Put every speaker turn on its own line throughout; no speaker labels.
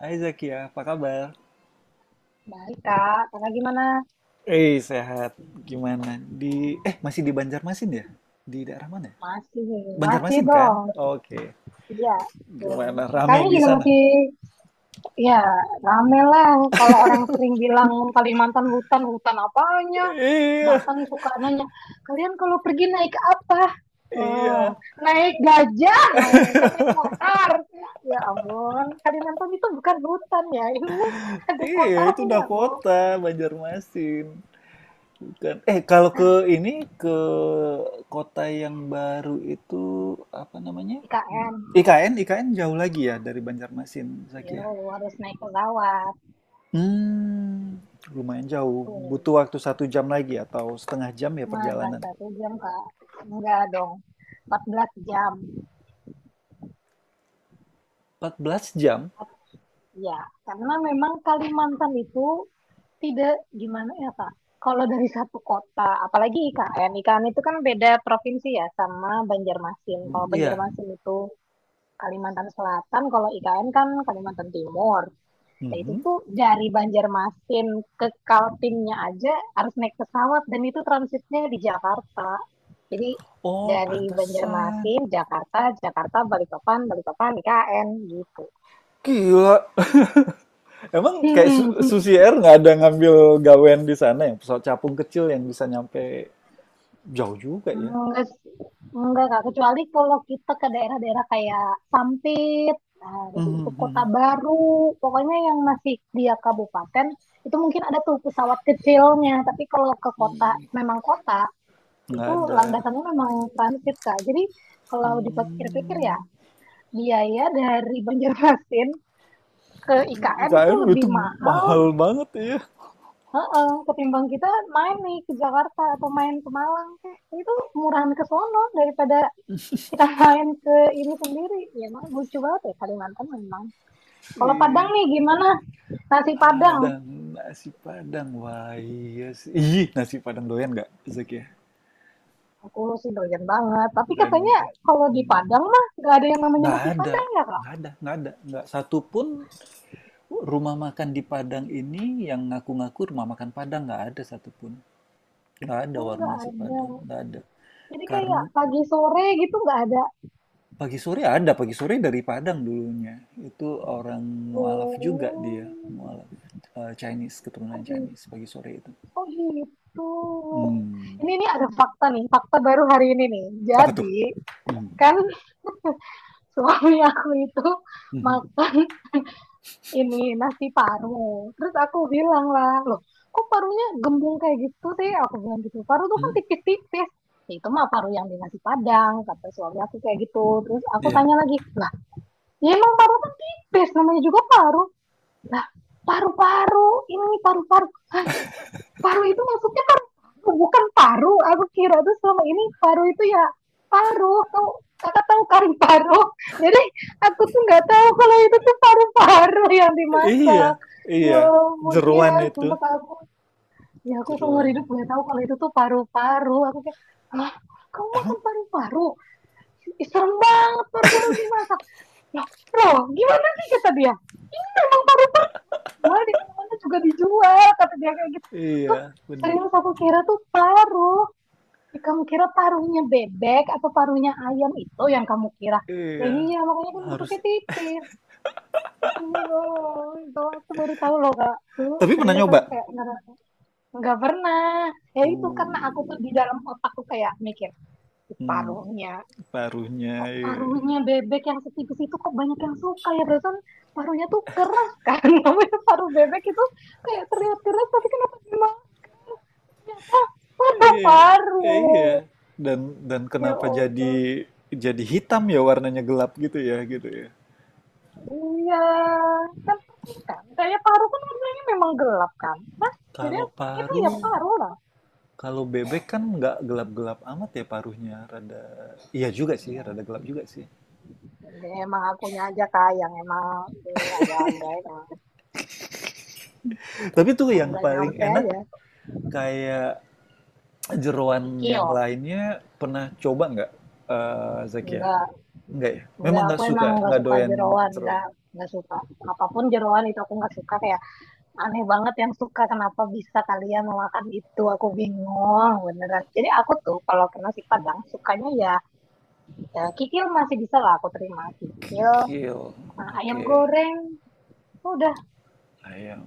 Hai Zakia, apa kabar?
Baik, Kak. Kakak gimana?
Sehat. Gimana? Di masih di Banjarmasin ya? Di daerah mana, ya?
Masih, masih
Banjarmasin kan?
dong.
Oke.
Iya, betul.
Gimana? Rame
Kakaknya
di
juga
sana?
masih, ya, rame lah. Kalau orang sering bilang Kalimantan hutan, hutan apanya?
Iya,
Bahkan suka nanya, kalian kalau pergi naik apa? Oh,
iya.
naik gajah. Oh, bukan naik motor. Ya ampun, Kalimantan itu bukan hutan ya. Ini ada
Iya, itu udah
kotanya, Bu.
kota Banjarmasin. Bukan. Kalau ke ini ke kota yang baru itu apa namanya?
IKN.
IKN, IKN jauh lagi ya dari Banjarmasin,
Yo,
Zakia.
harus naik pesawat.
hmm Lumayan jauh.
Tuh.
Butuh waktu satu jam lagi atau setengah jam ya
Mana
perjalanan?
satu jam, Kak? Enggak dong, 14 jam.
Empat belas jam?
Ya, karena memang Kalimantan itu tidak gimana ya, Kak? Kalau dari satu kota, apalagi IKN, IKN itu kan beda provinsi ya sama Banjarmasin.
M
Kalau
iya.
Banjarmasin itu Kalimantan Selatan, kalau IKN kan Kalimantan Timur. Nah, itu
Mhm.
tuh dari Banjarmasin ke Kaltimnya aja harus naik pesawat dan itu transitnya di Jakarta. Jadi
Oh,
dari
pantesan.
Banjarmasin, Jakarta, Jakarta, Balikpapan, Balikpapan, IKN gitu.
Gila. Emang kayak Susi Air nggak ada ngambil gawean di sana yang pesawat capung kecil yang bisa nyampe jauh juga ya?
Enggak, sih. Enggak Kak. Kecuali kalau kita ke daerah-daerah kayak Sampit, nah, terus
Mhm,
itu Kota
mhm.
Baru, pokoknya yang masih dia kabupaten, itu mungkin ada tuh pesawat kecilnya. Tapi kalau ke kota, memang kota,
Nggak
itu
ada.
landasannya memang transit Kak. Jadi kalau dipikir-pikir ya
Mmm.
biaya dari Banjarmasin ke IKN itu
IKN
lebih
itu
mahal,
mahal banget ya.
heeh, ketimbang kita main nih ke Jakarta atau main ke Malang Kak. Itu murahan ke sono daripada kita main ke ini sendiri. Ya emang lucu banget ya Kalimantan memang. Kalau Padang
Ih.
nih gimana? Nasi Padang.
Padang, nasi Padang. Wah, iya sih. Ih, nasi Padang doyan nggak, Zak ya?
Aku sih doyan banget. Tapi
Doyan
katanya
banget ya.
kalau di
Hmm.
Padang mah nggak ada yang namanya
Nggak
nasi
ada,
Padang ya Kak?
nggak ada, nggak ada, nggak satu pun rumah makan di Padang ini yang ngaku-ngaku rumah makan Padang, nggak ada satupun. Nggak ada
Oh,
warung
nggak
nasi
ada.
Padang, nggak ada.
Jadi kayak
Karena
pagi sore gitu nggak ada.
pagi sore ada, pagi sore dari Padang dulunya. Itu orang mualaf juga dia,
Oh,
mualaf. Eh, Chinese, keturunan
oh gitu.
Chinese pagi sore itu.
Oh gitu.
Hmm.
Ini ada fakta nih, fakta baru hari ini nih.
Apa tuh?
Jadi
Hmm.
kan suami aku itu makan ini nasi paru. Terus aku bilang lah, loh kok parunya gembung kayak gitu sih? Aku bilang gitu. Paru tuh kan
Mhm.
tipis-tipis. "Ya, itu mah paru yang di nasi Padang," kata suami aku kayak gitu. Terus aku
Iya.
tanya lagi, lah, ya emang paru kan tipis, namanya juga paru. Lah, paru-paru, ini paru-paru. Paru itu maksudnya paru-paru, bukan paru. Aku kira tuh selama ini paru itu ya paru. Tahu kakak tahu kari paru. Jadi aku tuh nggak tahu kalau itu tuh paru-paru yang
Iya,
dimasak. Ya
iya.
ampun, dia
Jeroan itu.
sumpah aku. Ya aku seumur hidup
Seruan.
nggak tahu kalau itu tuh paru-paru. Aku kayak, ah, kamu makan
Emang?
paru-paru? Ih, serem banget paru-paru dimasak. Lah, Bro, gimana sih kata dia? Ini memang paru-paru dijual di mana-mana juga dijual, kata dia kayak gitu. Loh,
Iya, bener.
serius aku kira tuh paru. Ya, kamu kira parunya bebek atau parunya ayam itu yang kamu kira? Ya
Iya,
iya, makanya kan
harus.
bentuknya tipis. Terus ini loh, itu aku baru tahu loh kak. Tuh,
Tapi pernah
serius aku
nyoba?
kayak nggak pernah. Ya itu karena aku tuh
Uh,
di dalam otakku kayak mikir, "Ih,
hmm,
parunya,
paruhnya,
kok
iya.
parunya bebek yang setipis itu kok banyak yang suka ya perasaan parunya tuh keras kan, namanya paru bebek itu kayak terlihat keras tapi kenapa dimakan, ternyata paru paru
Iya, iya. Dan dan
ya
kenapa
Allah.
jadi hitam ya, warnanya gelap gitu ya, gitu ya.
Iya, kan persis kan kayak paru kan warnanya memang gelap kan. Nah, jadi
Kalau
itu
paru,
ya paru lah.
kalau bebek kan nggak gelap-gelap amat ya paruhnya, rada. Iya juga sih,
Ya
rada gelap juga sih.
jadi emang akunya aja kak yang emang ini agak-agak, emang
Tapi tuh
emang
yang
nggak
paling
nyampe
enak
aja.
kayak jeroan
Kikil
yang lainnya pernah coba nggak, Zakia?
enggak.
Nggak ya? Memang
Enggak, aku
nggak
emang
suka,
nggak
nggak
suka
doyan
jeroan,
jeroan?
nggak suka. Apapun jeroan itu aku nggak suka, kayak aneh banget yang suka, kenapa bisa kalian memakan itu, aku bingung beneran. Jadi aku tuh kalau ke nasi Padang sukanya ya, ya kikil masih bisa lah aku terima kikil,
Kikil,
nah, ayam
oke.
goreng, udah
Ayam.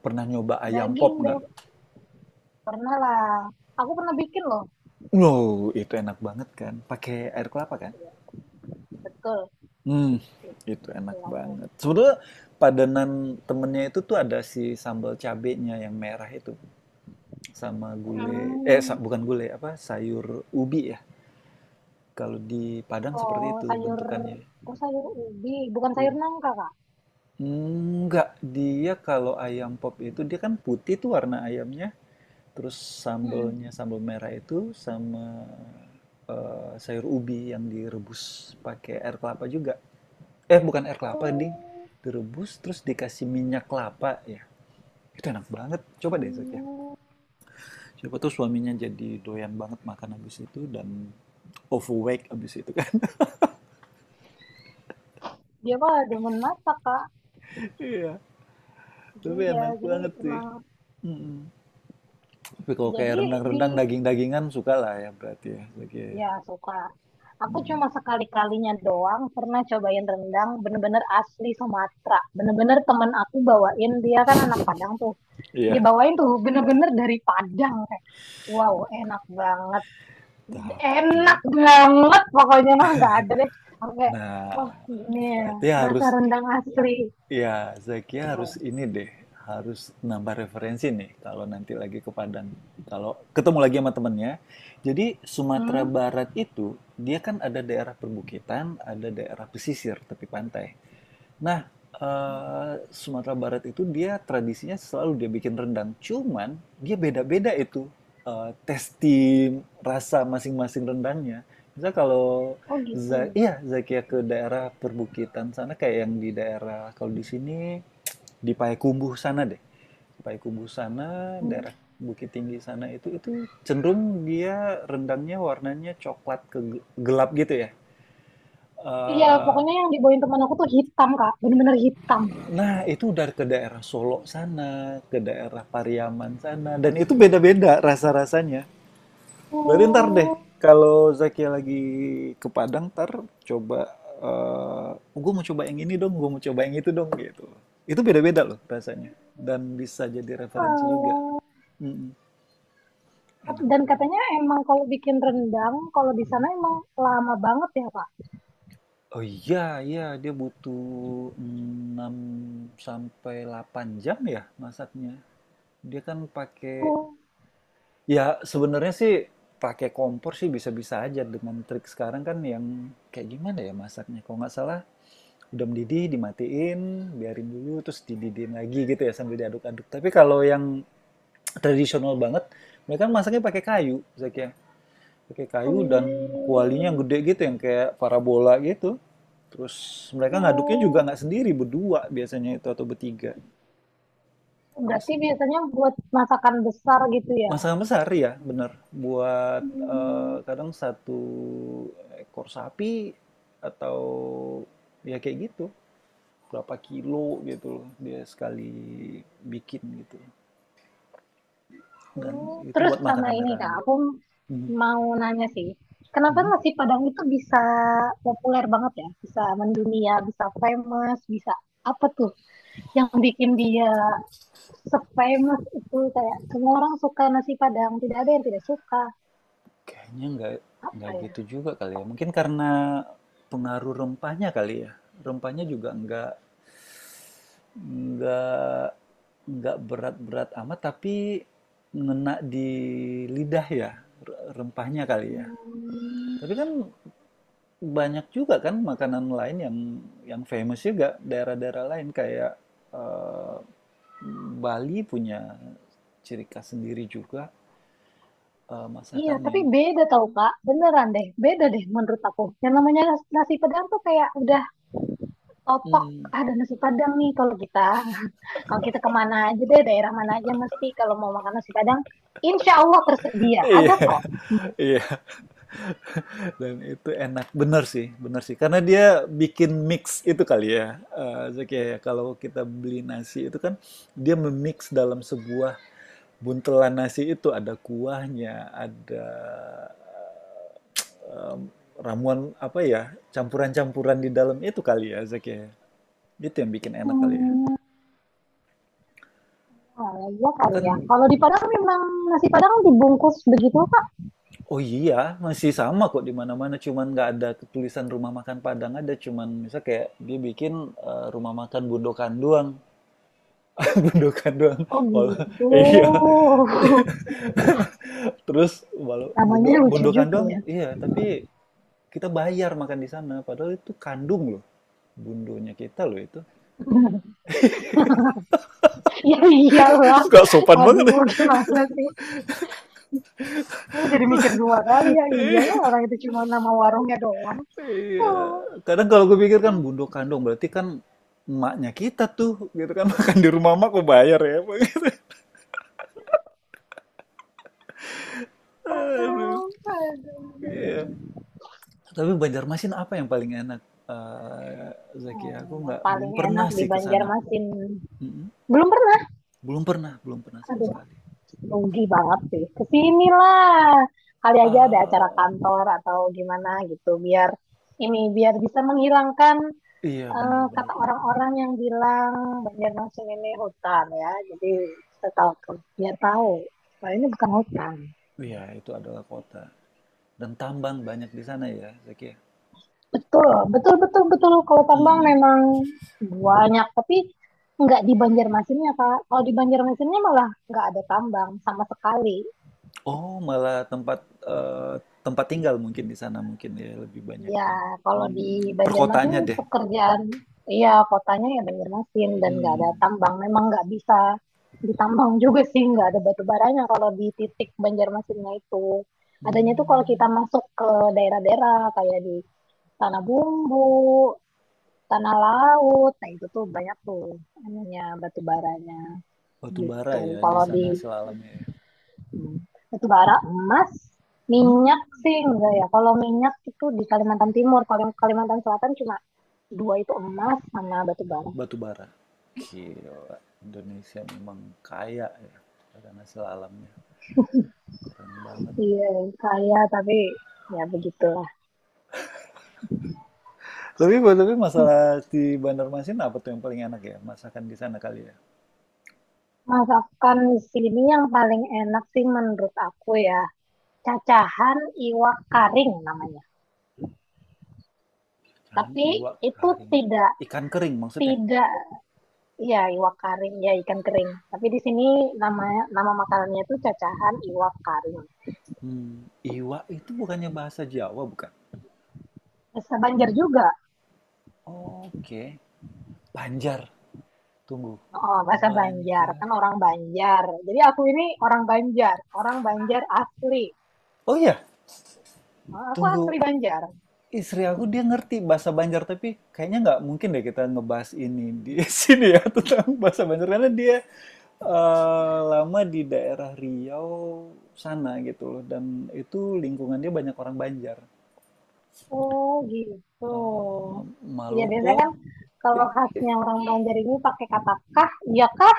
Pernah nyoba ayam
daging
pop nggak?
deh. Pernah lah, aku pernah bikin loh.
Wow, itu enak banget kan, pakai air kelapa kan?
Iya, betul,
Mmm, itu enak
betul aku.
banget. Sebenarnya padanan temennya itu tuh ada si sambal cabenya yang merah itu, sama gulai eh, sa
Hmm,
bukan gulai, apa, sayur ubi ya. Kalau di Padang seperti
oh
itu
sayur,
bentukannya.
oh sayur ubi, bukan sayur nangka kak.
Enggak, dia kalau ayam pop itu dia kan putih tuh warna ayamnya, terus
Mm-mm.
sambelnya sambel merah itu sama sayur ubi yang direbus pakai air kelapa juga. Eh bukan air kelapa, ding.
Oh.
Direbus terus dikasih minyak kelapa ya. Itu enak banget. Coba deh, Zak ya.
Hmm,
Siapa tuh suaminya jadi doyan banget makan habis itu dan overweight habis itu kan.
dia malah demen masak kak.
Iya, tapi
Iya
enak
jadi
banget sih.
emang,
Mm-mm. Tapi kalau kayak
jadi di,
rendang-rendang daging-dagingan suka lah ya berarti ya, Zak ya.
ya suka. Aku cuma sekali-kalinya doang pernah cobain rendang bener-bener asli Sumatera. Bener-bener temen aku bawain, dia kan anak Padang tuh, dia
Iya,
bawain tuh bener-bener dari Padang kayak wow enak banget, enak
tapi
banget pokoknya mah nggak ada deh. Aku kayak,
nah
wah ini ya,
berarti
rasa
harus
rendang asli.
ya Zakia harus
Oh,
ini deh, harus nambah referensi nih kalau nanti lagi ke Padang. Kalau ketemu lagi sama temennya. Jadi Sumatera
hmm?
Barat itu dia kan ada daerah perbukitan, ada daerah pesisir tepi pantai. Nah, Sumatera Barat itu dia tradisinya selalu dia bikin rendang, cuman dia beda-beda itu, eee, tasti rasa masing-masing rendangnya. Misal kalau
Oh gitu.
Zakia ke daerah perbukitan sana kayak yang di daerah kalau di sini di Payakumbuh sana deh. Payakumbuh sana,
Hmm.
daerah Bukit Tinggi sana itu cenderung dia rendangnya warnanya coklat gelap gitu ya.
Iya,
Eee
pokoknya yang dibawain teman aku tuh hitam, Kak. Bener-bener hitam.
Nah, itu udah ke daerah Solo sana, ke daerah Pariaman sana, dan itu beda-beda rasa-rasanya. Berarti ntar deh,
Oh,
kalau Zakia lagi ke Padang, ntar coba, eh gue mau coba yang ini dong, gue mau coba yang itu dong, gitu. Itu beda-beda loh rasanya, dan bisa jadi referensi juga.
alah.
Mm-mm, enak.
Dan katanya emang kalau bikin rendang, kalau di
Mhm.
sana emang lama banget ya, Pak?
Oh iya, iya, dia butuh 6 sampai 8 jam ya masaknya. Dia kan pakai
Oh,
Ya, sebenarnya sih pakai kompor sih bisa-bisa aja dengan trik sekarang kan yang kayak gimana ya masaknya. Kalau nggak salah udah mendidih dimatiin, biarin dulu terus dididihin lagi gitu ya sambil diaduk-aduk. Tapi kalau yang tradisional banget, mereka masaknya pakai kayu, Zakia. Pakai kayu dan kualinya yang
oh,
gede gitu yang kayak parabola gitu. Terus mereka ngaduknya juga
oh.
nggak sendiri, berdua biasanya itu atau bertiga. Jadi
Berarti biasanya buat masakan besar gitu ya?
masalah besar ya, bener. Buat,
Hmm.
kadang satu ekor sapi atau ya kayak gitu, berapa kilo gitu loh dia sekali bikin gitu, dan
Oh,
itu
Terus
buat makan
sama ini, Kak,
rame-rame.
aku
Mhm,
mau nanya sih. Kenapa
mhm.
nasi Padang itu bisa populer banget ya? Bisa mendunia, bisa famous, bisa apa tuh? Yang bikin dia se-famous itu kayak semua orang suka nasi Padang, tidak ada yang tidak suka.
Kayaknya nggak
Apa
nggak
ya?
gitu juga kali ya, mungkin karena pengaruh rempahnya kali ya? Rempahnya juga nggak nggak berat-berat amat tapi ngena di lidah ya rempahnya kali ya
Hmm,
tapi kan banyak juga kan makanan lain yang famous juga daerah-daerah lain kayak eh, Bali punya ciri khas sendiri juga
iya, tapi
masakannya.
beda tau Kak, beneran deh, beda deh menurut aku. Yang namanya nasi Padang tuh kayak udah otok
Mm.
ada nasi Padang nih kalau kita. Kalau kita kemana aja deh, daerah mana aja mesti kalau mau makan nasi Padang, insya Allah tersedia,
Iya,
ada kok.
iya, dan itu enak bener sih, karena dia bikin mix itu kali ya. Eh, Zaki, ya, kalau kita beli nasi itu kan dia memix dalam sebuah buntelan nasi itu ada kuahnya, ada em, ramuan apa ya, campuran-campuran di dalam itu kali ya, Zak ya. Itu yang bikin enak kali ya.
Hmm, oh, iya kali ya.
Kan,
Kalau di Padang memang nasi Padang dibungkus begitu Kak.
oh iya, masih sama kok di mana-mana, cuman nggak ada tulisan rumah makan Padang ada, cuman misal kayak dia bikin rumah makan Bundokan doang, Bundokan doang.
Oh
Walau,
gitu.
eh, iya. Terus walau
Namanya lucu
Bundokan
juga
doang,
ya.
iya, tapi kita bayar makan di sana, padahal itu kandung loh. Bundonya kita loh itu.
Ya iyalah.
Gak sopan banget ya.
Aduh, gimana sih? Aku jadi mikir dua kali ya. Iyalah, orang itu cuma nama warungnya doang.
Iya.
Oh.
Kadang kalau gue pikir kan bundo kandung berarti kan emaknya kita tuh gitu kan makan di rumah emak kok bayar ya. Gitu. Aduh. Iya. Tapi Banjarmasin apa yang paling enak? Eh, Zaki, aku
Yang
nggak belum
paling enak
pernah
di
sih ke sana.
Banjarmasin.
Mm-mm.
Belum pernah.
Belum pernah, belum pernah sama
Aduh,
sekali.
rugi banget sih. Kesinilah. Kali aja ada acara
Eh,
kantor atau gimana gitu. Biar ini biar bisa menghilangkan
iya
kata
bener-bener.
orang-orang yang bilang Banjarmasin ini hutan ya, jadi setahu dia tahu bahwa ini bukan hutan.
Iya, itu adalah kota. Dan tambang banyak di sana ya, Zaki, ya?
Betul, betul, betul, betul. Kalau tambang
Mm-mm.
memang banyak, tapi nggak di Banjarmasinnya Kak. Kalau di Banjarmasinnya malah nggak ada tambang sama sekali.
Oh, malah tempat tempat tinggal mungkin di sana mungkin ya lebih
Iya,
banyaknya.
kalau di
Hmm,
Banjarmasin
perkotaannya deh.
pekerjaan, iya kotanya ya Banjarmasin dan nggak ada
Hmm.
tambang. Memang nggak bisa ditambang juga sih, nggak ada batu baranya kalau di titik Banjarmasinnya itu. Adanya tuh kalau kita
Hmm.
masuk ke daerah-daerah kayak di Tanah Bumbu, Tanah Laut, nah itu tuh banyak tuh anunya batu baranya
Batu bara
gitu.
ya di
Kalau di
sana sel alamnya ya.
hmm, batu bara, emas. Minyak
Hmm,
sih enggak ya. Kalau minyak itu di Kalimantan Timur, kalau Kalimantan Selatan cuma dua itu emas sama batu bara.
batu bara. Gila, Indonesia memang kaya ya karena sel alamnya. Keren banget.
Iya, kaya tapi ya begitulah.
Tapi tapi masalah di Bandar Masin apa tuh yang paling enak ya? Masakan di sana kali ya.
Masakan di sini yang paling enak sih menurut aku ya cacahan iwak karing namanya.
Ikan,
Tapi
iwak,
itu
kering.
tidak
Ikan kering maksudnya.
tidak ya iwak karing ya ikan kering. Tapi di sini nama nama makanannya itu cacahan iwak karing.
Hmm, iwak itu bukannya bahasa Jawa bukan?
Bahasa Banjar juga.
Oke. Banjar, tunggu.
Oh, bahasa Banjar
Banjar.
kan orang Banjar. Jadi aku ini orang Banjar asli.
Oh iya,
Oh, Aku asli
tunggu.
Banjar.
Istri aku dia ngerti bahasa Banjar tapi kayaknya nggak mungkin deh kita ngebahas ini di sini ya tentang bahasa Banjar karena dia lama di daerah Riau sana gitu loh dan itu lingkungannya banyak orang Banjar.
Oh gitu.
Eh,
Iya
Malopo.
biasanya kan kalau
Eh, eh,
khasnya orang Banjar ini pakai kata kah, iya kah,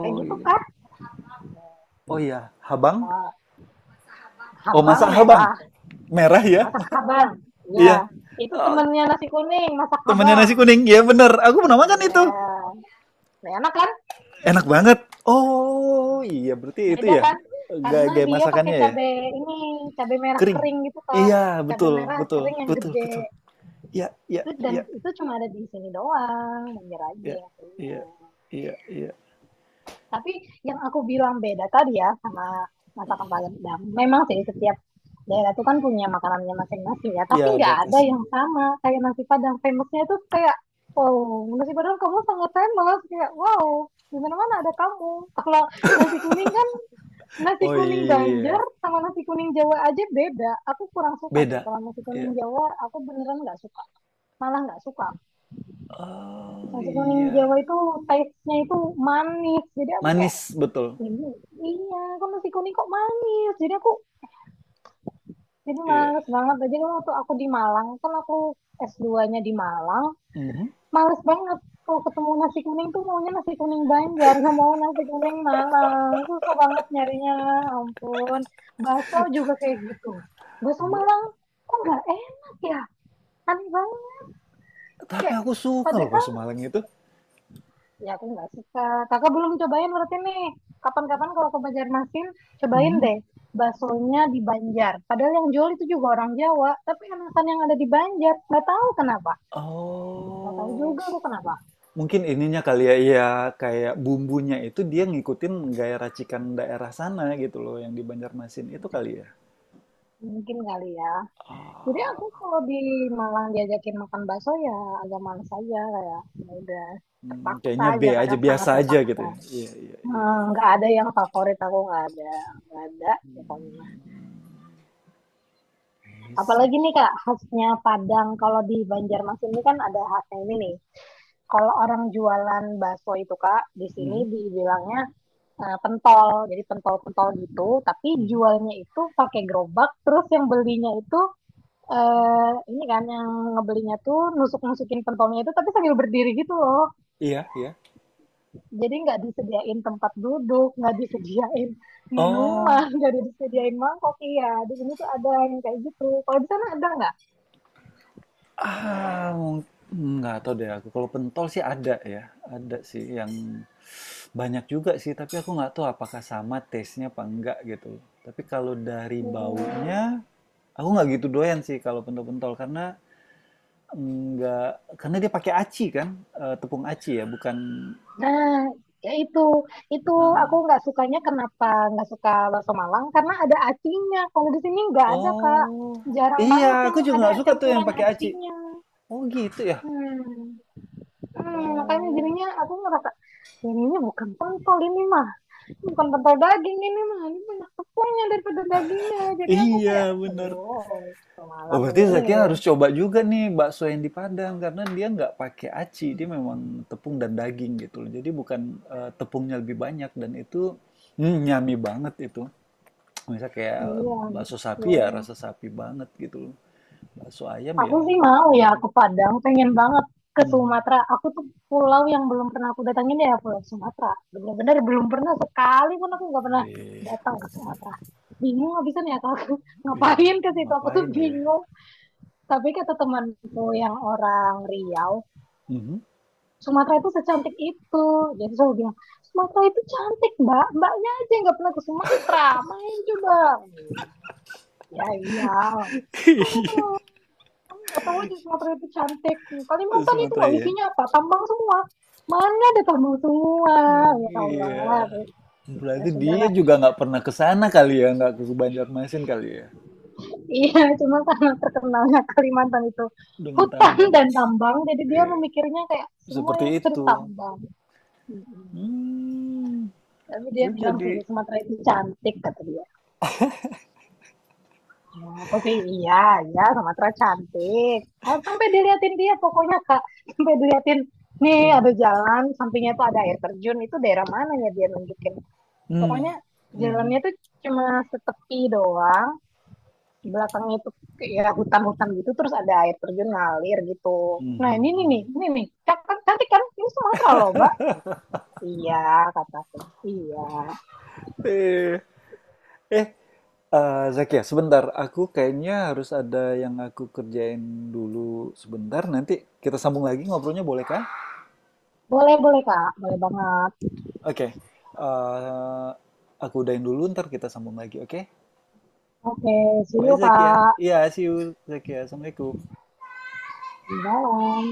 kayak gitu
iya.
kah.
Oh iya, Habang.
Eh,
Oh
habang
masa Habang?
merah,
Merah ya?
masak habang. Iya,
Iya.
itu
Oh,
temennya nasi kuning, masak
temannya
habang.
nasi kuning. Iya bener. Aku pernah makan itu.
Iya, Nah, enak kan?
Enak banget. Oh,
Nah,
iya berarti itu
Beda
ya
kan?
gaya,
Karena
gaya
dia pakai
masakannya ya.
cabe ini, cabe merah
Kering.
kering gitu kak.
Iya,
Cabe
betul,
merah
betul,
kering yang
betul,
gede.
betul. Iya, iya,
Itu dan
iya,
itu cuma ada di sini doang, Banjar aja
iya,
yang punya.
iya, iya, iya.
Tapi yang aku bilang beda tadi ya sama masakan Padang. Memang sih setiap daerah itu kan punya makanannya masing-masing ya. Tapi
Iya, ada
nggak ada
kasih.
yang sama kayak nasi Padang. Famousnya itu kayak, wow, nasi Padang kamu sangat famous. Kayak, wow, di mana-mana ada kamu. Kalau nasi kuning kan, nasi
Oh
kuning Banjar
iya,
sama nasi kuning Jawa aja beda. Aku kurang suka sih
beda.
kalau nasi
Iya.
kuning Jawa. Aku beneran nggak suka, malah nggak suka.
Oh
Nasi kuning
iya.
Jawa itu taste-nya itu manis. Jadi aku kayak
Manis betul.
jadi, iya, kan nasi kuning kok manis. Jadi aku jadi
Iya.
males banget. Jadi kan waktu aku di Malang, kan aku S2-nya di Malang,
Mhm.
males banget kalau ketemu nasi kuning tuh maunya nasi kuning Banjar, nggak mau nasi kuning Malang. Susah banget nyarinya, ampun. Bakso juga kayak gitu. Bakso
Bu-
Malang kok nggak enak ya? Aneh banget.
Tapi
Kayak,
aku suka loh
padahal
bakso Malang itu.
ya aku nggak suka. Kakak belum cobain berarti nih. Kapan-kapan kalau ke Banjarmasin, cobain
Mhm.
deh baksonya di Banjar. Padahal yang jual itu juga orang Jawa, tapi enakan yang ada di Banjar. Nggak tahu kenapa. Nggak tahu
Oh.
juga aku kenapa.
Mungkin ininya kali ya, iya kayak bumbunya itu dia ngikutin gaya racikan daerah sana gitu loh yang di Banjarmasin itu kali ya.
Mungkin kali ya. Jadi aku
Ah,
kalau di Malang diajakin makan bakso ya agak males aja kayak. Ya udah
hmm,
terpaksa
kayaknya B
aja
aja,
kadang sangat
biasa aja gitu
terpaksa.
ya. Iya, iya, iya.
Nggak ada yang favorit, aku nggak ada. Nggak ada. Pokoknya
Ini
apalagi
sih.
nih Kak, khasnya Padang kalau di Banjarmasin ini kan ada khasnya ini nih. Kalau orang jualan bakso itu Kak, di sini
Mhm,
dibilangnya pentol. Jadi pentol-pentol gitu, tapi
mhm.
jualnya itu pakai gerobak, terus yang belinya itu ini kan yang ngebelinya tuh nusuk-nusukin pentolnya itu tapi sambil berdiri gitu loh.
Iya, iya.
Jadi nggak disediain tempat duduk, nggak disediain minuman,
Oh,
nggak disediain mangkok. Iya, di sini tuh ada yang kayak gitu. Kalau di sana ada nggak?
ah, mung- nggak tahu deh aku. Kalau pentol sih ada ya, ada sih yang banyak juga sih. Tapi aku nggak tahu apakah sama taste-nya apa enggak gitu. Tapi kalau dari
Hmm,
baunya, aku nggak gitu doyan sih kalau pentol-pentol karena Enggak, karena dia pakai aci kan, tepung aci ya, bukan
Nah, ya itu
heeh.
aku nggak sukanya, kenapa nggak suka bakso Malang karena ada acinya. Kalau di sini nggak ada Kak.
Oh,
Jarang banget
iya,
yang
aku juga
ada
nggak suka tuh yang
campuran
pakai aci.
acinya.
Oh gitu ya?
Hmm. Makanya
Oh,
jadinya aku ngerasa, "Ini bukan pentol ini mah. Bukan pentol daging ini mah. Ini banyak tepungnya daripada dagingnya." Jadi aku kayak,
iya bener.
"Oh, bakso
Oh
Malang
berarti
ini."
Zakiya harus coba juga nih bakso yang di Padang, karena dia nggak pakai aci, dia memang tepung dan daging gitu loh. Jadi bukan, tepungnya lebih banyak dan itu, mmm, yummy banget itu. Misal kayak
Iya,
bakso sapi ya,
betul.
rasa sapi banget gitu loh. Bakso ayam
Aku
ya
sih mau ya ke Padang, pengen banget ke
mhm,
Sumatera. Aku tuh pulau yang belum pernah aku datangin ya Pulau Sumatera. Bener-bener belum pernah sekali pun aku nggak pernah
iya.
datang ke Sumatera. Bingung habisan ya kalau aku
Ih,
ngapain ke situ aku tuh
ngapain ya?
bingung. Tapi kata temanku yang orang Riau,
Mhm.
Sumatera itu secantik itu. Jadi selalu bilang, "Sumatera itu cantik mbak. Mbaknya aja yang nggak pernah ke Sumatera. Main coba." Ya iya. Kok tuh nggak tahu aja Sumatera itu cantik, Kalimantan itu
Sumatera
loh
ya?
isinya apa tambang semua, mana ada tambang semua,
Mmm,
ya Allah,
iya.
ya
Berarti dia
sudahlah.
juga nggak pernah ke sana kali ya, nggak ke Banjarmasin kali ya?
Iya cuma karena terkenalnya Kalimantan itu
Dengan
hutan
tambang.
dan tambang jadi dia
Iya,
memikirnya kayak
seperti
semuanya itu ada,
itu. Mmm,
tapi dia
lu
bilang
jadi
sih Sumatera itu cantik kata dia. Ya, tapi iya, ya Sumatera cantik. Kalau sampai diliatin dia pokoknya Kak, sampai diliatin nih
mmm,
ada jalan, sampingnya tuh ada air terjun, itu daerah mana ya dia nunjukin.
mmm,
Pokoknya
mhm,
jalannya tuh cuma setepi doang, belakangnya itu ya hutan-hutan gitu, terus ada air terjun ngalir gitu. Nah
mhm
ini nih, nih,
mhm.
ini nih, cantik, cantik kan? Ini Sumatera loh Mbak. Iya, kata aku. Iya.
Iya. Eh, Zakia, sebentar, aku kayaknya harus ada yang aku kerjain dulu sebentar, nanti kita sambung lagi ngobrolnya bolehkah?
Boleh, boleh Kak, boleh banget.
Oke, eh, aku udahin dulu, ntar kita sambung lagi, oke?
Oke, see
Bye,
you
Zakia.
Kak.
Iya, see you, Zakia. Assalamualaikum.
Di dalam.